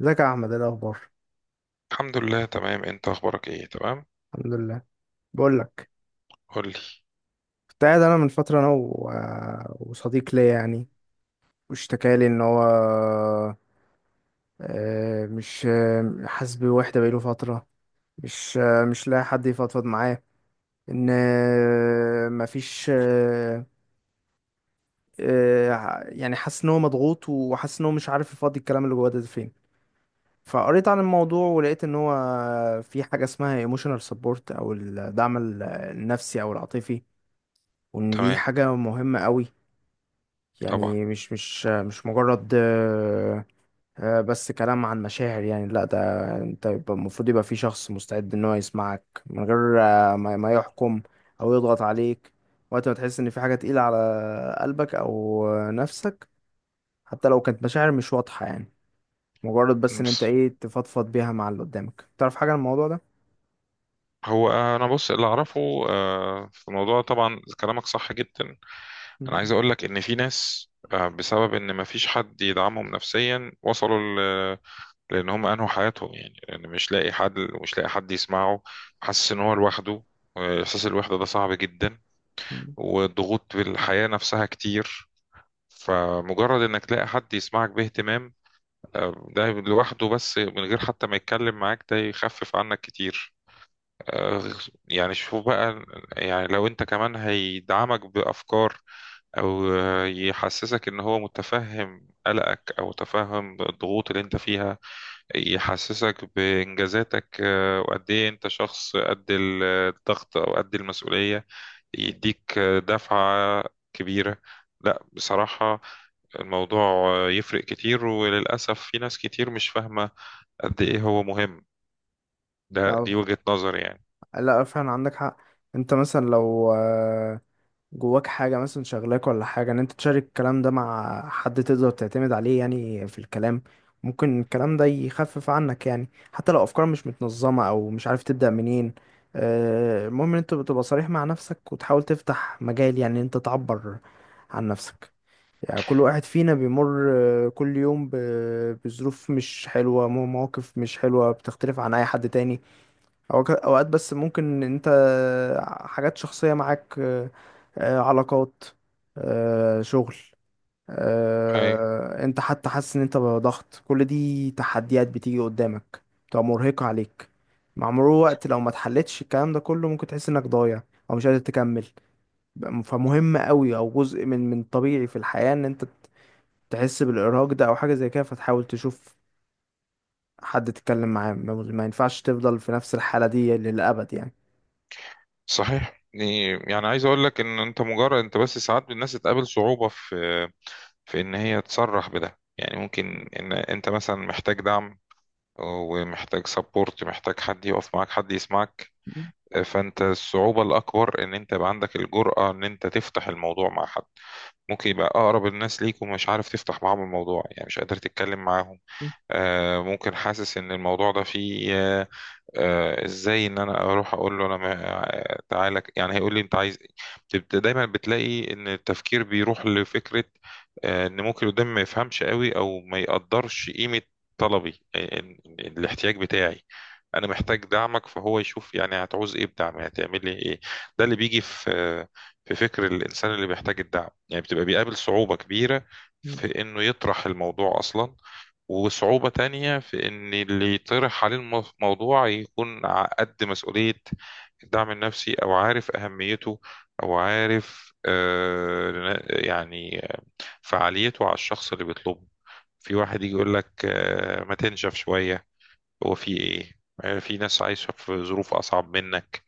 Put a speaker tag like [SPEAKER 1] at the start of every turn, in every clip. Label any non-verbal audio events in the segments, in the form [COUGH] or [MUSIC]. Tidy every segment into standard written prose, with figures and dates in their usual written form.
[SPEAKER 1] ازيك يا احمد؟ ايه الاخبار؟
[SPEAKER 2] الحمد لله تمام، انت اخبارك ايه؟ تمام.
[SPEAKER 1] الحمد لله. بقول لك.
[SPEAKER 2] قولي.
[SPEAKER 1] كنت قاعد انا من فتره انا و... آه، وصديق ليا يعني. واشتكى لي ان هو مش حاسس بوحده بقاله فتره. مش لاقي حد يفضفض معاه. ان مفيش يعني حاسس ان هو مضغوط وحاسس ان هو مش عارف يفضي الكلام اللي جواه ده فين. فقريت عن الموضوع ولقيت ان هو في حاجه اسمها emotional support او الدعم النفسي او العاطفي. وان دي
[SPEAKER 2] تمام.
[SPEAKER 1] حاجة مهمة قوي.
[SPEAKER 2] طبعا.
[SPEAKER 1] يعني مش مجرد، بس كلام عن مشاعر، يعني لا ده. المفروض يبقى في شخص مستعد ان هو يسمعك من غير ما يحكم او يضغط عليك وقت ما تحس ان في حاجة تقيلة على قلبك او نفسك، حتى لو كانت مشاعر مش واضحة يعني. مجرد بس ان انت
[SPEAKER 2] بس
[SPEAKER 1] ايه تفضفض بيها مع اللي قدامك. تعرف حاجة عن الموضوع ده؟
[SPEAKER 2] هو انا بص اللي اعرفه. في الموضوع طبعا كلامك صح جدا. انا عايز اقول لك ان في ناس، بسبب ان مفيش حد يدعمهم نفسيا وصلوا ل- لان هم انهوا حياتهم، يعني لان مش لاقي حد يسمعه، حاسس ان هو لوحده. احساس الوحدة ده صعب جدا،
[SPEAKER 1] مم.
[SPEAKER 2] والضغوط بالحياة نفسها كتير. فمجرد انك تلاقي حد يسمعك باهتمام، ده لوحده بس من غير حتى ما يتكلم معاك ده يخفف عنك كتير. آه، يعني شوف بقى، يعني لو انت كمان هيدعمك بأفكار، او يحسسك ان هو متفهم قلقك او متفهم الضغوط اللي انت فيها، يحسسك بإنجازاتك، وقد ايه انت شخص قد الضغط او قد المسؤولية، يديك دفعة كبيرة. لا، بصراحة الموضوع يفرق كتير، وللأسف في ناس كتير مش فاهمة قد ايه هو مهم. ده
[SPEAKER 1] لا،
[SPEAKER 2] دي وجهة نظري يعني.
[SPEAKER 1] لا، فعلا عندك حق. انت مثلا لو جواك حاجة مثلا شغلاك ولا حاجة، ان انت تشارك الكلام ده مع حد تقدر تعتمد عليه يعني في الكلام. ممكن الكلام ده يخفف عنك يعني، حتى لو افكار مش متنظمة او مش عارف تبدأ منين. المهم ان انت بتبقى صريح مع نفسك وتحاول تفتح مجال يعني ان انت تعبر عن نفسك. يعني كل واحد فينا بيمر كل يوم بظروف مش حلوة، مواقف مش حلوة بتختلف عن اي حد تاني. اوقات بس ممكن انت حاجات شخصية معاك، علاقات، شغل،
[SPEAKER 2] اي،
[SPEAKER 1] انت حتى حاسس ان انت بضغط، كل دي تحديات بتيجي قدامك بتبقى مرهقة عليك. مع مرور الوقت لو ما اتحلتش الكلام ده كله ممكن تحس انك ضايع او مش قادر تكمل. فمهم قوي او جزء من طبيعي في الحياة ان انت تحس بالارهاق ده او حاجة زي كده، فتحاول تشوف حد تتكلم معاه. ما ينفعش تفضل في نفس الحالة دي للأبد يعني.
[SPEAKER 2] صحيح. يعني عايز اقول لك ان انت، مجرد انت بس ساعات الناس تقابل صعوبة في ان هي تصرح بده. يعني ممكن ان انت مثلا محتاج دعم، ومحتاج سبورت، محتاج حد يقف معاك، حد يسمعك. فانت الصعوبة الاكبر ان انت يبقى عندك الجرأة ان انت تفتح الموضوع مع حد، ممكن يبقى اقرب الناس ليك ومش عارف تفتح معاهم الموضوع، يعني مش قادر تتكلم معاهم. ممكن حاسس ان الموضوع ده فيه، ازاي ان انا اروح اقول له انا تعالى، يعني هيقول لي انت عايز إيه؟ بتبقى دايما بتلاقي ان التفكير بيروح لفكرة، ان ممكن اللي قدامي ما يفهمش قوي او ما يقدرش قيمة طلبي، إن الاحتياج بتاعي انا محتاج دعمك، فهو يشوف يعني هتعوز ايه بدعمي، هتعمل لي ايه؟ ده اللي بيجي في فكر الانسان اللي بيحتاج الدعم، يعني بتبقى بيقابل صعوبة كبيرة في انه يطرح الموضوع اصلا. وصعوبة تانية في إن اللي يطرح عليه الموضوع يكون قد مسؤولية الدعم النفسي، أو عارف أهميته، أو عارف يعني فعاليته على الشخص اللي بيطلبه. في واحد يجي يقول لك ما تنشف شوية، هو في ايه؟ يعني في ناس عايشة في ظروف اصعب منك.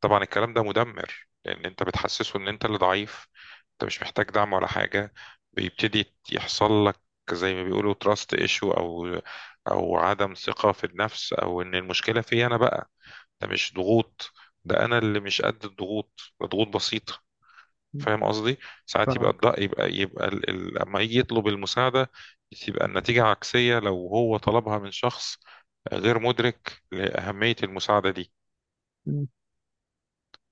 [SPEAKER 2] طبعا الكلام ده مدمر، لان انت بتحسسه ان انت اللي ضعيف، انت مش محتاج دعم ولا حاجة. بيبتدي يحصل لك زي ما بيقولوا تراست ايشو، او عدم ثقة في النفس، او ان المشكلة في انا بقى. ده مش ضغوط، ده انا اللي مش قد الضغوط، ده ضغوط بسيطة. فاهم قصدي؟ ساعات يبقى الضغط لما يجي يطلب المساعدة، تبقى النتيجة عكسية لو هو طلبها من شخص غير مدرك لأهمية المساعدة دي.
[SPEAKER 1] مم.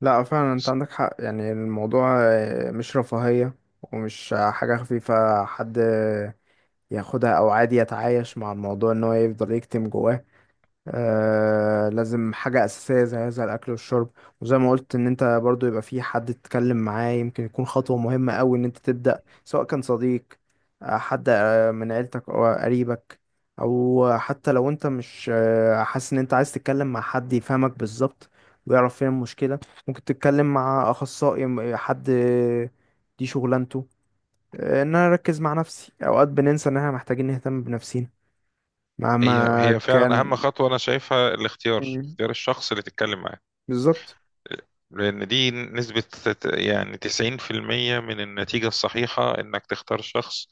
[SPEAKER 1] لا فعلا انت عندك حق، يعني الموضوع مش رفاهية. ومش حاجة خفيفة حد ياخدها او عادي يتعايش مع الموضوع ان هو يفضل يكتم جواه. لازم حاجة أساسية زي هذا الأكل والشرب. وزي ما قلت إن أنت برضو يبقى في حد تتكلم معاه، يمكن يكون خطوة مهمة أوي إن أنت تبدأ، سواء كان صديق، حد من عيلتك أو قريبك. أو حتى لو أنت مش حاسس إن أنت عايز تتكلم مع حد يفهمك بالظبط ويعرف فين المشكلة، ممكن تتكلم مع أخصائي، حد دي شغلانته. إن أنا أركز مع نفسي. أوقات بننسى إن إحنا محتاجين نهتم بنفسينا
[SPEAKER 2] هي
[SPEAKER 1] مهما
[SPEAKER 2] هي فعلا أهم
[SPEAKER 1] كان.
[SPEAKER 2] خطوة أنا شايفها الاختيار،
[SPEAKER 1] مم.
[SPEAKER 2] اختيار الشخص اللي تتكلم معاه.
[SPEAKER 1] بالظبط.
[SPEAKER 2] لأن دي نسبة يعني 90% من النتيجة الصحيحة إنك تختار شخص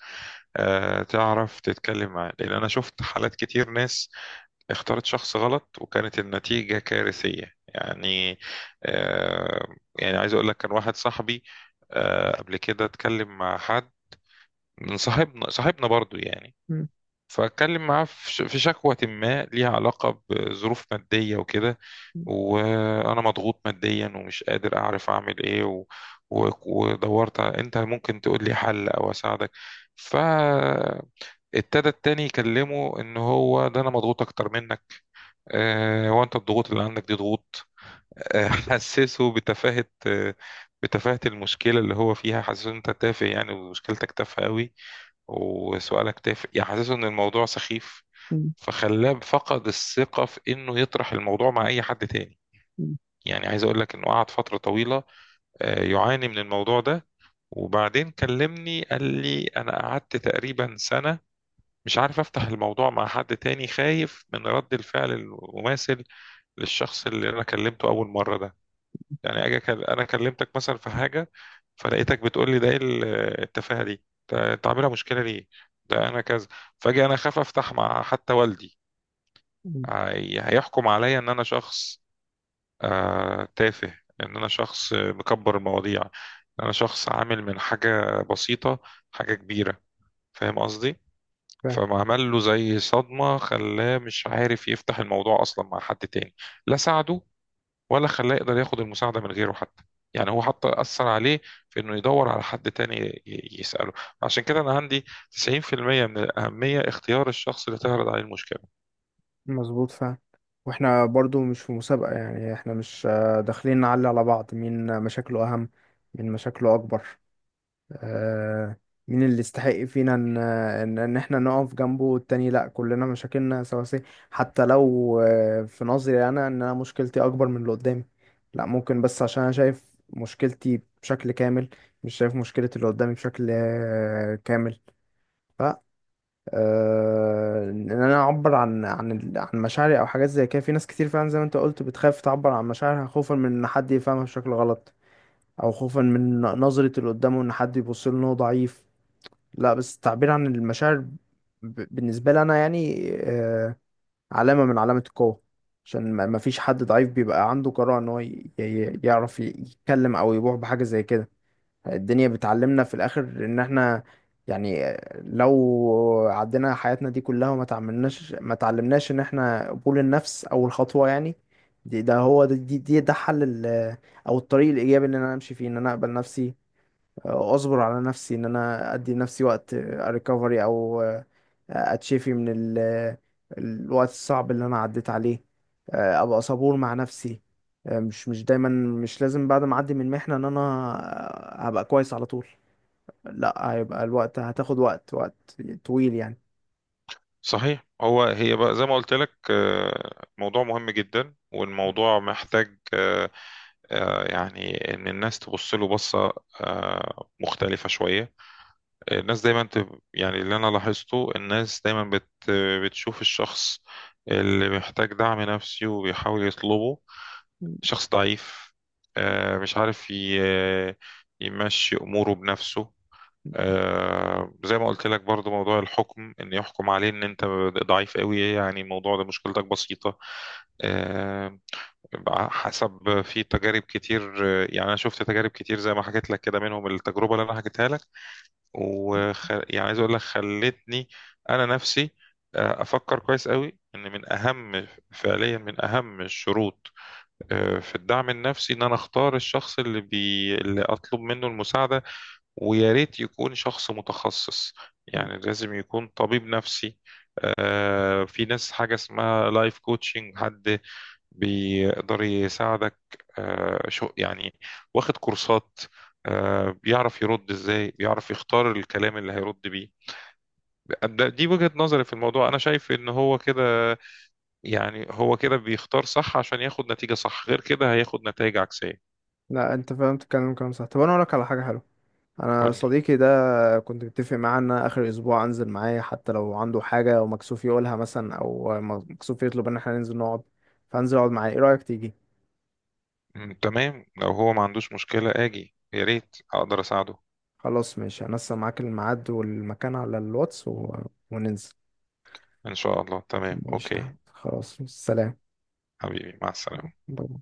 [SPEAKER 2] تعرف تتكلم معاه، لأن أنا شفت حالات كتير، ناس اختارت شخص غلط وكانت النتيجة كارثية يعني. آه، يعني عايز أقول لك، كان واحد صاحبي قبل كده اتكلم مع حد من صاحبنا، صاحبنا برضو يعني،
[SPEAKER 1] مم.
[SPEAKER 2] فاتكلم معاه في شكوى ما ليها علاقة بظروف مادية وكده، وانا مضغوط ماديا ومش قادر اعرف اعمل ايه ودورت انت ممكن تقول لي حل او اساعدك. فابتدى التاني يكلمه ان هو ده انا مضغوط اكتر منك، هو انت الضغوط اللي عندك دي ضغوط؟ [LAUGHS] حسسه بتفاهة المشكلة اللي هو فيها، حسسه ان انت تافه يعني، ومشكلتك تافهة قوي، وسؤالك تافه، يعني حسسه ان الموضوع سخيف.
[SPEAKER 1] مم.
[SPEAKER 2] فخلاه فقد الثقة في انه يطرح الموضوع مع اي حد تاني. يعني عايز اقول لك انه قعد فترة طويلة يعاني من الموضوع ده، وبعدين كلمني قال لي انا قعدت تقريبا سنة مش عارف افتح الموضوع مع حد تاني، خايف من رد الفعل المماثل للشخص اللي انا كلمته اول مرة ده. يعني اجي انا كلمتك مثلا في حاجة، فلقيتك بتقول لي ده ايه التفاهة دي، انت عاملها مشكلة ليه؟ ده انا كذا. فاجي انا اخاف افتح مع حتى والدي،
[SPEAKER 1] مم.
[SPEAKER 2] هيحكم عليا ان انا شخص تافه، ان انا شخص مكبر المواضيع، ان انا شخص عامل من حاجة بسيطة حاجة كبيرة. فاهم قصدي؟
[SPEAKER 1] فاهم.
[SPEAKER 2] فما عمل له زي صدمة، خلاه مش عارف يفتح الموضوع اصلا مع حد تاني، لا ساعده ولا خلاه يقدر ياخد المساعدة من غيره حتى. يعني هو حتى أثر عليه في إنه يدور على حد تاني يسأله. عشان كده أنا عندي 90% من الأهمية اختيار الشخص اللي تعرض عليه المشكلة.
[SPEAKER 1] مظبوط فاهم. واحنا برضو مش في مسابقة، يعني احنا مش داخلين نعلي على بعض مين مشاكله أهم، مين مشاكله أكبر. آه، مين اللي يستحق فينا ان ان إن احنا نقف جنبه والتاني لا، كلنا مشاكلنا سواسية. حتى لو في نظري انا ان انا مشكلتي اكبر من اللي قدامي، لا ممكن بس عشان انا شايف مشكلتي بشكل كامل، مش شايف مشكلة اللي قدامي بشكل كامل. ان انا اعبر عن مشاعري او حاجات زي كده. في ناس كتير فعلا زي ما انت قلت بتخاف تعبر عن مشاعرها خوفا من ان حد يفهمها بشكل غلط، او خوفا من نظرة اللي قدامه ان حد يبص له ان هو ضعيف. لا بس التعبير عن المشاعر بالنسبة لي انا يعني علامة من علامة القوة. عشان ما فيش حد ضعيف بيبقى عنده جرأة ان هو يعرف يتكلم او يبوح بحاجة زي كده. الدنيا بتعلمنا في الاخر ان احنا يعني لو عدينا حياتنا دي كلها وما تعملناش ما تعلمناش ان احنا قبول النفس اول خطوة يعني. دي ده هو ده دي, دي ده حل او الطريق الايجابي ان انا امشي فيه، ان انا اقبل نفسي، اصبر على نفسي، ان انا ادي نفسي وقت ريكفري او اتشفي من ال... الوقت الصعب اللي انا عديت عليه. ابقى صبور مع نفسي. مش دايما مش لازم بعد ما اعدي من محنة ان انا هبقى كويس على طول. لا هيبقى الوقت، هتاخد وقت طويل يعني.
[SPEAKER 2] صحيح. هي بقى زي ما قلت لك موضوع مهم جدا، والموضوع محتاج يعني ان الناس تبص له بصه مختلفه شويه. الناس دايما يعني اللي انا لاحظته، الناس دايما بتشوف الشخص اللي محتاج دعم نفسي وبيحاول يطلبه شخص ضعيف، مش عارف يمشي اموره بنفسه. زي ما قلت لك برضو، موضوع الحكم، ان يحكم عليه ان انت ضعيف قوي، يعني الموضوع ده مشكلتك بسيطة. آه، حسب في تجارب كتير، يعني انا شفت تجارب كتير زي ما حكيت لك كده، منهم التجربة اللي انا حكيتها لك. يعني عايز اقول لك خلتني انا نفسي افكر كويس قوي ان من اهم فعليا من اهم الشروط في الدعم النفسي ان انا اختار الشخص اللي اللي اطلب منه المساعدة، ويا ريت يكون شخص متخصص، يعني لازم يكون طبيب نفسي. في ناس حاجة اسمها لايف كوتشنج، حد بيقدر يساعدك، شو يعني واخد كورسات، بيعرف يرد ازاي، بيعرف يختار الكلام اللي هيرد بيه. دي وجهة نظري في الموضوع، انا شايف ان هو كده، يعني هو كده بيختار صح عشان ياخد نتيجة صح، غير كده هياخد نتائج عكسية.
[SPEAKER 1] لا انت فهمت الكلام، كلام صح. طب انا اقول لك على حاجة حلوة. انا
[SPEAKER 2] قول لي.
[SPEAKER 1] صديقي ده كنت متفق معاه ان أنا اخر اسبوع انزل معاه، حتى لو عنده حاجة ومكسوف يقولها مثلا او مكسوف يطلب ان احنا ننزل نقعد، فانزل اقعد معاه. ايه رأيك تيجي؟
[SPEAKER 2] مم، تمام، لو هو ما عندوش مشكلة اجي، يا ريت اقدر اساعده.
[SPEAKER 1] خلاص ماشي، هنسق معاك الميعاد والمكان على الواتس وننزل.
[SPEAKER 2] إن شاء الله، تمام.
[SPEAKER 1] ماشي يا
[SPEAKER 2] أوكي،
[SPEAKER 1] أحمد. خلاص سلام.
[SPEAKER 2] حبيبي، مع السلامة.
[SPEAKER 1] باي باي.